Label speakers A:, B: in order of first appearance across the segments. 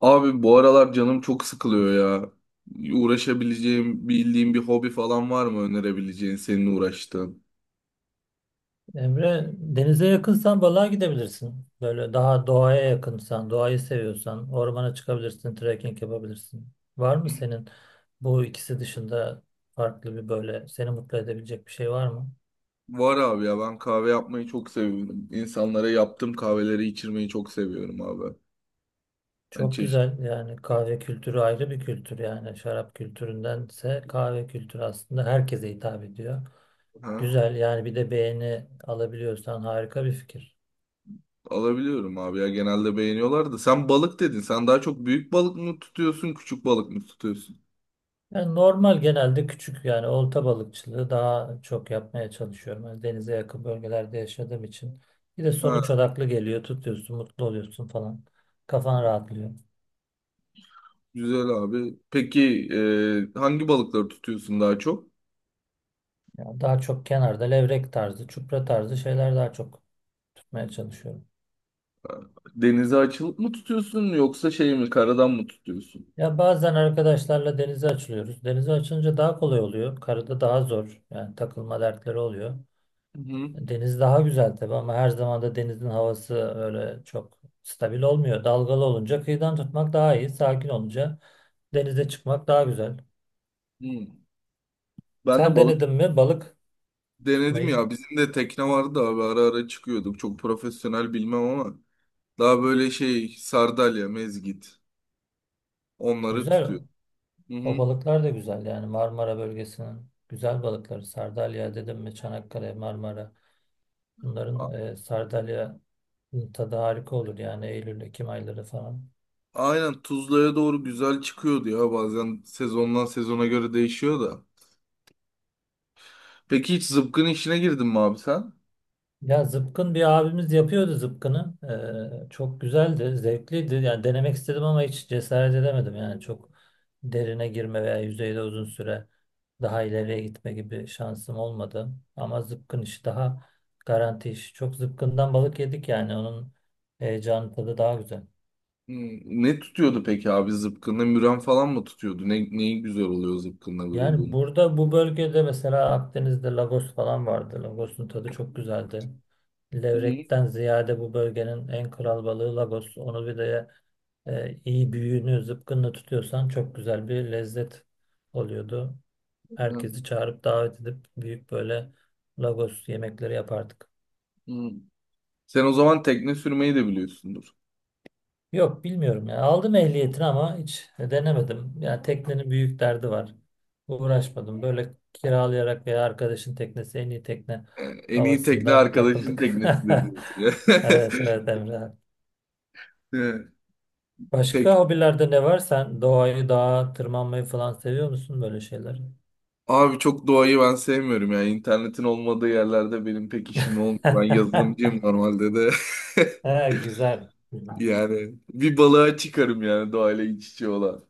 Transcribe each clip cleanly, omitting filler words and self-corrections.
A: Abi bu aralar canım çok sıkılıyor ya. Uğraşabileceğim, bildiğim bir hobi falan var mı önerebileceğin senin uğraştığın?
B: Emre, denize yakınsan balığa gidebilirsin. Böyle daha doğaya yakınsan, doğayı seviyorsan ormana çıkabilirsin, trekking yapabilirsin. Var mı senin bu ikisi dışında farklı bir böyle seni mutlu edebilecek bir şey var mı?
A: Var abi ya ben kahve yapmayı çok seviyorum. İnsanlara yaptığım kahveleri içirmeyi çok seviyorum abi. Hani
B: Çok
A: çeşit
B: güzel yani kahve kültürü ayrı bir kültür, yani şarap kültüründense kahve kültürü aslında herkese hitap ediyor.
A: ha?
B: Güzel yani, bir de beğeni alabiliyorsan harika bir fikir.
A: Alabiliyorum abi ya genelde beğeniyorlar da. Sen balık dedin. Sen daha çok büyük balık mı tutuyorsun, küçük balık mı tutuyorsun?
B: Yani normal genelde küçük, yani olta balıkçılığı daha çok yapmaya çalışıyorum. Yani denize yakın bölgelerde yaşadığım için. Bir de sonuç
A: Ha,
B: odaklı geliyor. Tutuyorsun, mutlu oluyorsun falan. Kafan rahatlıyor.
A: güzel abi. Peki hangi balıkları tutuyorsun daha çok?
B: Ya daha çok kenarda levrek tarzı, çupra tarzı şeyler daha çok tutmaya çalışıyorum.
A: Ha, denize açılıp mı tutuyorsun yoksa şey mi karadan mı tutuyorsun?
B: Ya bazen arkadaşlarla denize açılıyoruz. Denize açılınca daha kolay oluyor. Karada daha zor. Yani takılma dertleri oluyor.
A: Hı hı.
B: Deniz daha güzel tabii ama her zaman da denizin havası öyle çok stabil olmuyor. Dalgalı olunca kıyıdan tutmak daha iyi. Sakin olunca denize çıkmak daha güzel.
A: Hı. Ben de
B: Sen
A: balık
B: denedin mi balık
A: denedim
B: tutmayı?
A: ya. Bizim de tekne vardı da abi ara ara çıkıyorduk. Çok profesyonel bilmem ama daha böyle şey sardalya, mezgit onları
B: Güzel.
A: tutuyor. Hı
B: O
A: hı.
B: balıklar da güzel yani, Marmara bölgesinin güzel balıkları. Sardalya dedim mi Çanakkale, Marmara.
A: A-
B: Bunların Sardalya'nın tadı harika olur yani, Eylül, Ekim ayları falan.
A: aynen Tuzla'ya doğru güzel çıkıyordu ya bazen sezondan sezona göre değişiyor da. Peki hiç zıpkın işine girdin mi abi sen?
B: Ya zıpkın, bir abimiz yapıyordu zıpkını. Çok güzeldi, zevkliydi. Yani denemek istedim ama hiç cesaret edemedim. Yani çok derine girme veya yüzeyde uzun süre daha ileriye gitme gibi şansım olmadı. Ama zıpkın işi daha garanti iş. Çok zıpkından balık yedik yani, onun heyecanı tadı daha güzel.
A: Hı. Ne tutuyordu peki abi zıpkınla? Müren falan mı tutuyordu? Ne, neyi güzel oluyor zıpkınla
B: Yani
A: vurulduğunu?
B: burada bu bölgede mesela Akdeniz'de Lagos falan vardı. Lagos'un tadı çok güzeldi.
A: Hı hı.
B: Levrek'ten ziyade bu bölgenin en kral balığı Lagos. Onu bir de iyi büyüğünü zıpkınla tutuyorsan çok güzel bir lezzet oluyordu. Herkesi çağırıp davet edip büyük böyle Lagos yemekleri yapardık.
A: Hı. Sen o zaman tekne sürmeyi de biliyorsundur.
B: Yok bilmiyorum ya. Aldım ehliyetini ama hiç denemedim. Yani teknenin büyük derdi var. Uğraşmadım. Böyle kiralayarak veya arkadaşın teknesi en iyi tekne
A: En iyi tekne
B: havasından
A: arkadaşın
B: takıldık.
A: teknesidir diyorsun ya.
B: Evet evet Emre.
A: Evet.
B: Başka
A: Pek
B: hobilerde ne var? Sen doğayı, dağa tırmanmayı falan seviyor musun böyle şeyler?
A: abi çok doğayı ben sevmiyorum ya. İnternetin olmadığı yerlerde benim pek işim olmuyor. Ben yazılımcıyım normalde de.
B: Ha, güzel.
A: Yani bir balığa çıkarım yani doğayla iç içe olan.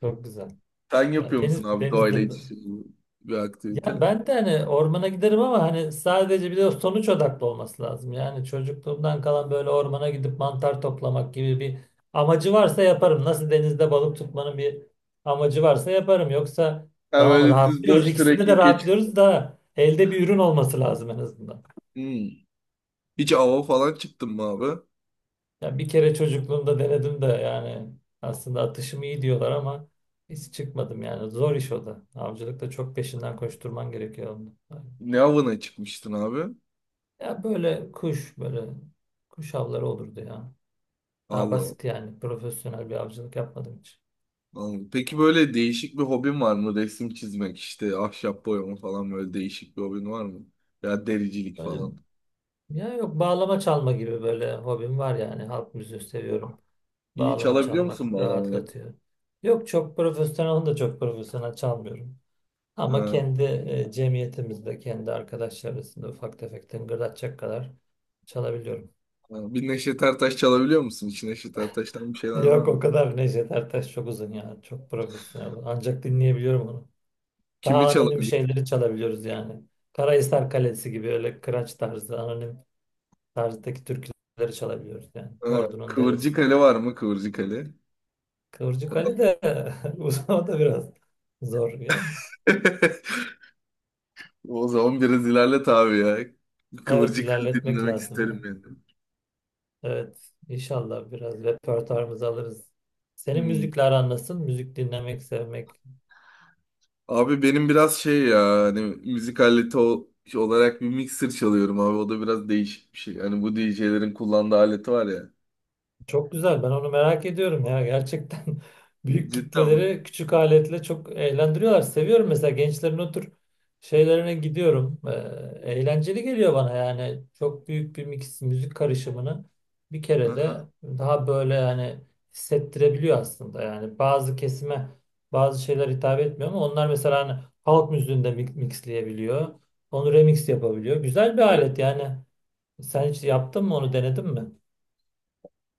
B: Çok güzel.
A: Sen
B: Ya
A: yapıyor musun
B: deniz,
A: abi doğayla
B: denizde
A: iç içe olan bir aktivite?
B: ya, ben de hani ormana giderim ama hani sadece, bir de sonuç odaklı olması lazım. Yani çocukluğumdan kalan böyle ormana gidip mantar toplamak gibi bir amacı varsa yaparım. Nasıl denizde balık tutmanın bir amacı varsa yaparım. Yoksa
A: Ha
B: tamam,
A: böyle düz
B: rahatlıyoruz.
A: boş
B: İkisinde de
A: trekking geç.
B: rahatlıyoruz da elde bir ürün olması lazım en azından.
A: Hmm. Hiç ava falan çıktın mı abi?
B: Ya bir kere çocukluğumda denedim de yani aslında atışım iyi diyorlar ama hiç çıkmadım yani. Zor iş o da. Avcılıkta çok peşinden koşturman gerekiyor onun.
A: Ne avına çıkmıştın abi?
B: Ya böyle kuş, böyle kuş avları olurdu ya. Daha
A: Allah.
B: basit yani. Profesyonel bir avcılık yapmadım hiç.
A: Anladım. Peki böyle değişik bir hobin var mı? Resim çizmek işte ahşap boyama falan böyle değişik bir hobin var mı? Ya dericilik
B: Böyle
A: falan.
B: ya, yok, bağlama çalma gibi böyle hobim var yani. Halk müziği seviyorum.
A: Yok. İyi
B: Bağlama
A: çalabiliyor
B: çalmak
A: musun bağlamayı?
B: rahatlatıyor. Yok çok profesyonel, onu da çok profesyonel çalmıyorum. Ama
A: Ha,
B: kendi cemiyetimizde, kendi arkadaşlar arasında ufak tefek tıngırdatacak kadar çalabiliyorum.
A: ha. Bir Neşet Ertaş çalabiliyor musun? Hiç Neşet Ertaş'tan bir şeyler var
B: Yok o
A: mı?
B: kadar Necdet Ertaş çok uzun ya. Çok profesyonel. Ancak dinleyebiliyorum onu.
A: Kimi
B: Daha anonim
A: çalabiliyorsun?
B: şeyleri çalabiliyoruz yani. Karahisar Kalesi gibi öyle kıraç tarzı, anonim tarzdaki türküleri çalabiliyoruz yani.
A: Ha,
B: Ordunun
A: Kıvırcık
B: Deresi.
A: Ali var mı? Kıvırcık Ali.
B: Kıvırcık Ali de uzun, o da biraz zor yani.
A: O zaman biraz ilerlet abi ya.
B: Evet,
A: Kıvırcık Ali
B: ilerletmek
A: dinlemek
B: lazım yani.
A: isterim yani.
B: Evet, inşallah biraz repertuarımızı alırız. Senin
A: Hmm.
B: müzikle aran nasıl? Müzik dinlemek, sevmek.
A: Abi benim biraz şey ya hani müzik aleti ol- olarak bir mixer çalıyorum abi. O da biraz değişik bir şey. Hani bu DJ'lerin kullandığı aleti var ya.
B: Çok güzel. Ben onu merak ediyorum ya. Gerçekten büyük
A: Cidden mi?
B: kitleleri küçük aletle çok eğlendiriyorlar. Seviyorum mesela gençlerin o tür şeylerine gidiyorum. Eğlenceli geliyor bana yani. Çok büyük bir mix, müzik karışımını bir kere
A: Aha.
B: de daha böyle yani hissettirebiliyor aslında. Yani bazı kesime bazı şeyler hitap etmiyor ama onlar mesela hani halk müziğinde mixleyebiliyor. Onu remix yapabiliyor. Güzel bir
A: Evet.
B: alet yani. Sen hiç yaptın mı, onu denedin mi?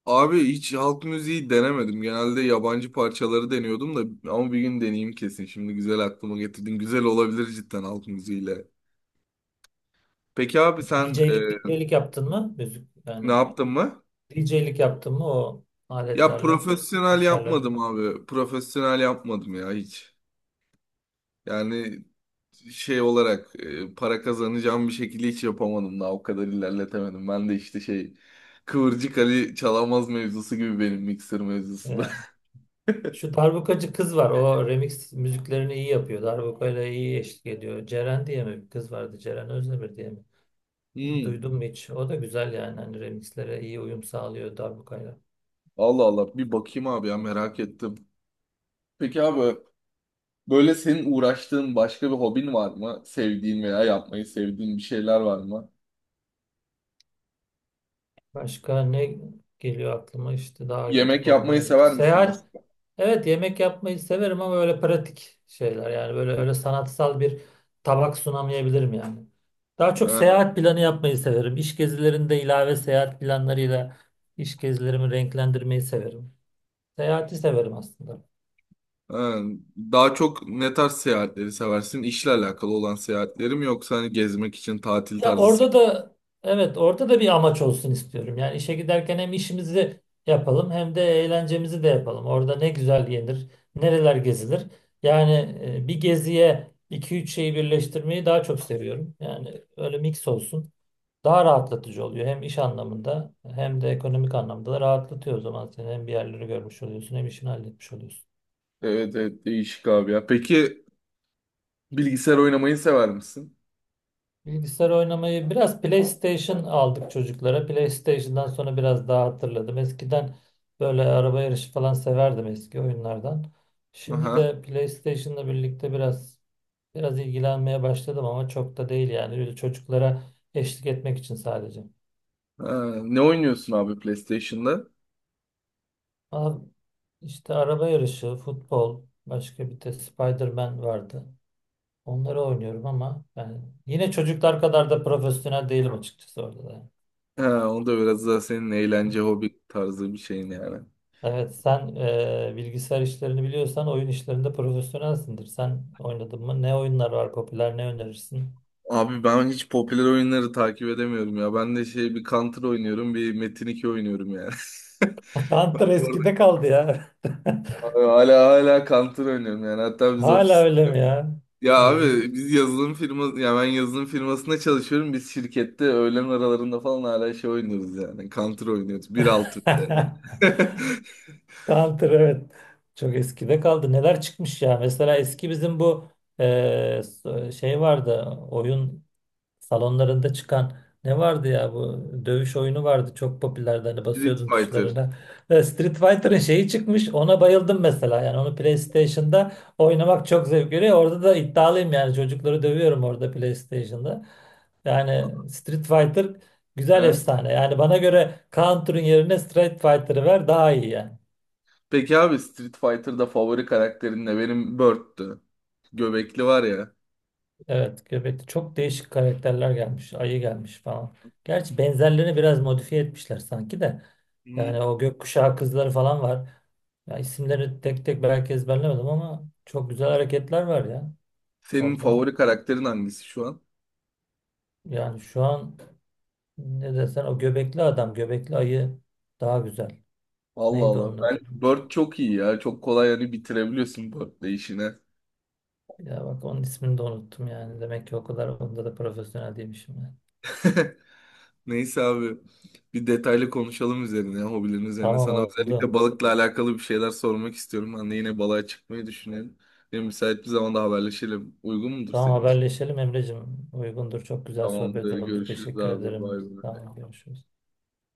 A: Abi hiç halk müziği denemedim. Genelde yabancı parçaları deniyordum da ama bir gün deneyeyim kesin. Şimdi güzel aklıma getirdin. Güzel olabilir cidden halk müziğiyle. Peki abi sen
B: DJ'lik DJ'lik yaptın mı? Müzik
A: ne
B: yani
A: yaptın mı?
B: DJ'lik yaptın mı o
A: Ya
B: aletlerle,
A: profesyonel
B: mikserlerle?
A: yapmadım abi. Profesyonel yapmadım ya hiç. Yani şey olarak para kazanacağım bir şekilde hiç yapamadım daha o kadar ilerletemedim. Ben de işte şey Kıvırcık Ali Çalamaz mevzusu gibi benim mikser mevzusu da.
B: Yani şu darbukacı kız var. O remix müziklerini iyi yapıyor. Darbukayla iyi eşlik ediyor. Ceren diye mi bir kız vardı? Ceren Özdemir diye mi?
A: Hmm,
B: Duydum mu hiç? O da güzel yani. Hani remixlere iyi uyum sağlıyor darbukayla.
A: Allah Allah bir bakayım abi ya merak ettim. Peki abi böyle senin uğraştığın başka bir hobin var mı? Sevdiğin veya yapmayı sevdiğin bir şeyler var mı?
B: Başka ne geliyor aklıma? İşte dağa
A: Yemek
B: gittik,
A: yapmayı
B: ormana gittik.
A: sever misin
B: Seyahat.
A: mesela?
B: Evet yemek yapmayı severim ama öyle pratik şeyler. Yani böyle öyle sanatsal bir tabak sunamayabilirim yani. Daha çok
A: Ha,
B: seyahat planı yapmayı severim. İş gezilerinde ilave seyahat planlarıyla iş gezilerimi renklendirmeyi severim. Seyahati severim aslında.
A: ha. Daha çok ne tarz seyahatleri seversin? İşle alakalı olan seyahatlerim yoksa hani gezmek için tatil
B: Ya
A: tarzı.
B: orada da, evet orada da bir amaç olsun istiyorum. Yani işe giderken hem işimizi yapalım hem de eğlencemizi de yapalım. Orada ne güzel yenir, nereler gezilir. Yani bir geziye iki üç şeyi birleştirmeyi daha çok seviyorum. Yani öyle mix olsun. Daha rahatlatıcı oluyor, hem iş anlamında hem de ekonomik anlamda da rahatlatıyor o zaman seni. Hem bir yerleri görmüş oluyorsun hem işini halletmiş oluyorsun.
A: Evet evet değişik abi ya. Peki bilgisayar oynamayı sever misin?
B: Bilgisayar oynamayı, biraz PlayStation aldık çocuklara. PlayStation'dan sonra biraz daha hatırladım. Eskiden böyle araba yarışı falan severdim eski oyunlardan. Şimdi
A: Aha.
B: de PlayStation'la birlikte biraz ilgilenmeye başladım ama çok da değil yani. Öyle çocuklara eşlik etmek için sadece.
A: Ha, ne oynuyorsun abi PlayStation'da?
B: Ama işte araba yarışı, futbol, başka bir de Spider-Man vardı. Onları oynuyorum ama yani yine çocuklar kadar da profesyonel değilim açıkçası orada da yani.
A: Ha, o da biraz daha senin eğlence hobi tarzı bir şeyin yani.
B: Evet, sen bilgisayar işlerini biliyorsan oyun işlerinde profesyonelsindir. Sen oynadın mı? Ne oyunlar var popüler? Ne önerirsin?
A: Abi ben hiç popüler oyunları takip edemiyorum ya. Ben de şey bir Counter oynuyorum, bir Metin 2 oynuyorum yani.
B: Counter eskide kaldı ya.
A: Orada hala Counter oynuyorum yani. Hatta biz
B: Hala
A: ofis.
B: öyle mi ya?
A: Ya
B: İlginç.
A: abi biz yazılım firması ya ben yazılım firmasında çalışıyorum. Biz şirkette öğlen aralarında falan hala şey oynuyoruz yani. Counter oynuyoruz. 1.6 bir de yani.
B: Counter evet. Çok eskide kaldı. Neler çıkmış ya? Mesela eski bizim bu e, şey vardı. Oyun salonlarında çıkan ne vardı ya, bu dövüş oyunu vardı çok popülerdi, hani
A: Street
B: basıyordun
A: Fighter.
B: tuşlarına. Street Fighter'ın şeyi çıkmış, ona bayıldım mesela yani onu PlayStation'da oynamak çok zevk veriyor. Orada da iddialıyım yani, çocukları dövüyorum orada PlayStation'da. Yani Street Fighter güzel,
A: Ha,
B: efsane yani bana göre Counter'ın yerine Street Fighter'ı ver daha iyi yani.
A: peki abi Street Fighter'da favori karakterin ne? Benim Bird'tü. Göbekli var ya.
B: Evet, Göbek'te çok değişik karakterler gelmiş, ayı gelmiş falan. Gerçi benzerlerini biraz modifiye etmişler sanki de.
A: Hı.
B: Yani o gökkuşağı kızları falan var. Ya isimleri tek tek belki ezberlemedim ama çok güzel hareketler var ya
A: Senin
B: orada.
A: favori karakterin hangisi şu an?
B: Yani şu an ne desen o göbekli adam, göbekli ayı daha güzel.
A: Allah
B: Neydi
A: Allah.
B: onun
A: Ben
B: adı?
A: Bird çok iyi ya. Çok kolay yani bitirebiliyorsun Bird'le işine.
B: Ya bak onun ismini de unuttum yani. Demek ki o kadar onda da profesyonel değilmişim yani.
A: Neyse abi bir detaylı konuşalım üzerine, hobilerin üzerine.
B: Tamam
A: Sana özellikle
B: oldu.
A: balıkla alakalı bir şeyler sormak istiyorum. Hani yine balığa çıkmayı düşünelim. Benim müsait bir zamanda haberleşelim. Uygun mudur
B: Tamam
A: senin için?
B: haberleşelim Emre'cim. Uygundur. Çok güzel sohbet
A: Tamamdır.
B: oldu.
A: Görüşürüz
B: Teşekkür
A: abi.
B: ederim.
A: Bay bay.
B: Tamam görüşürüz.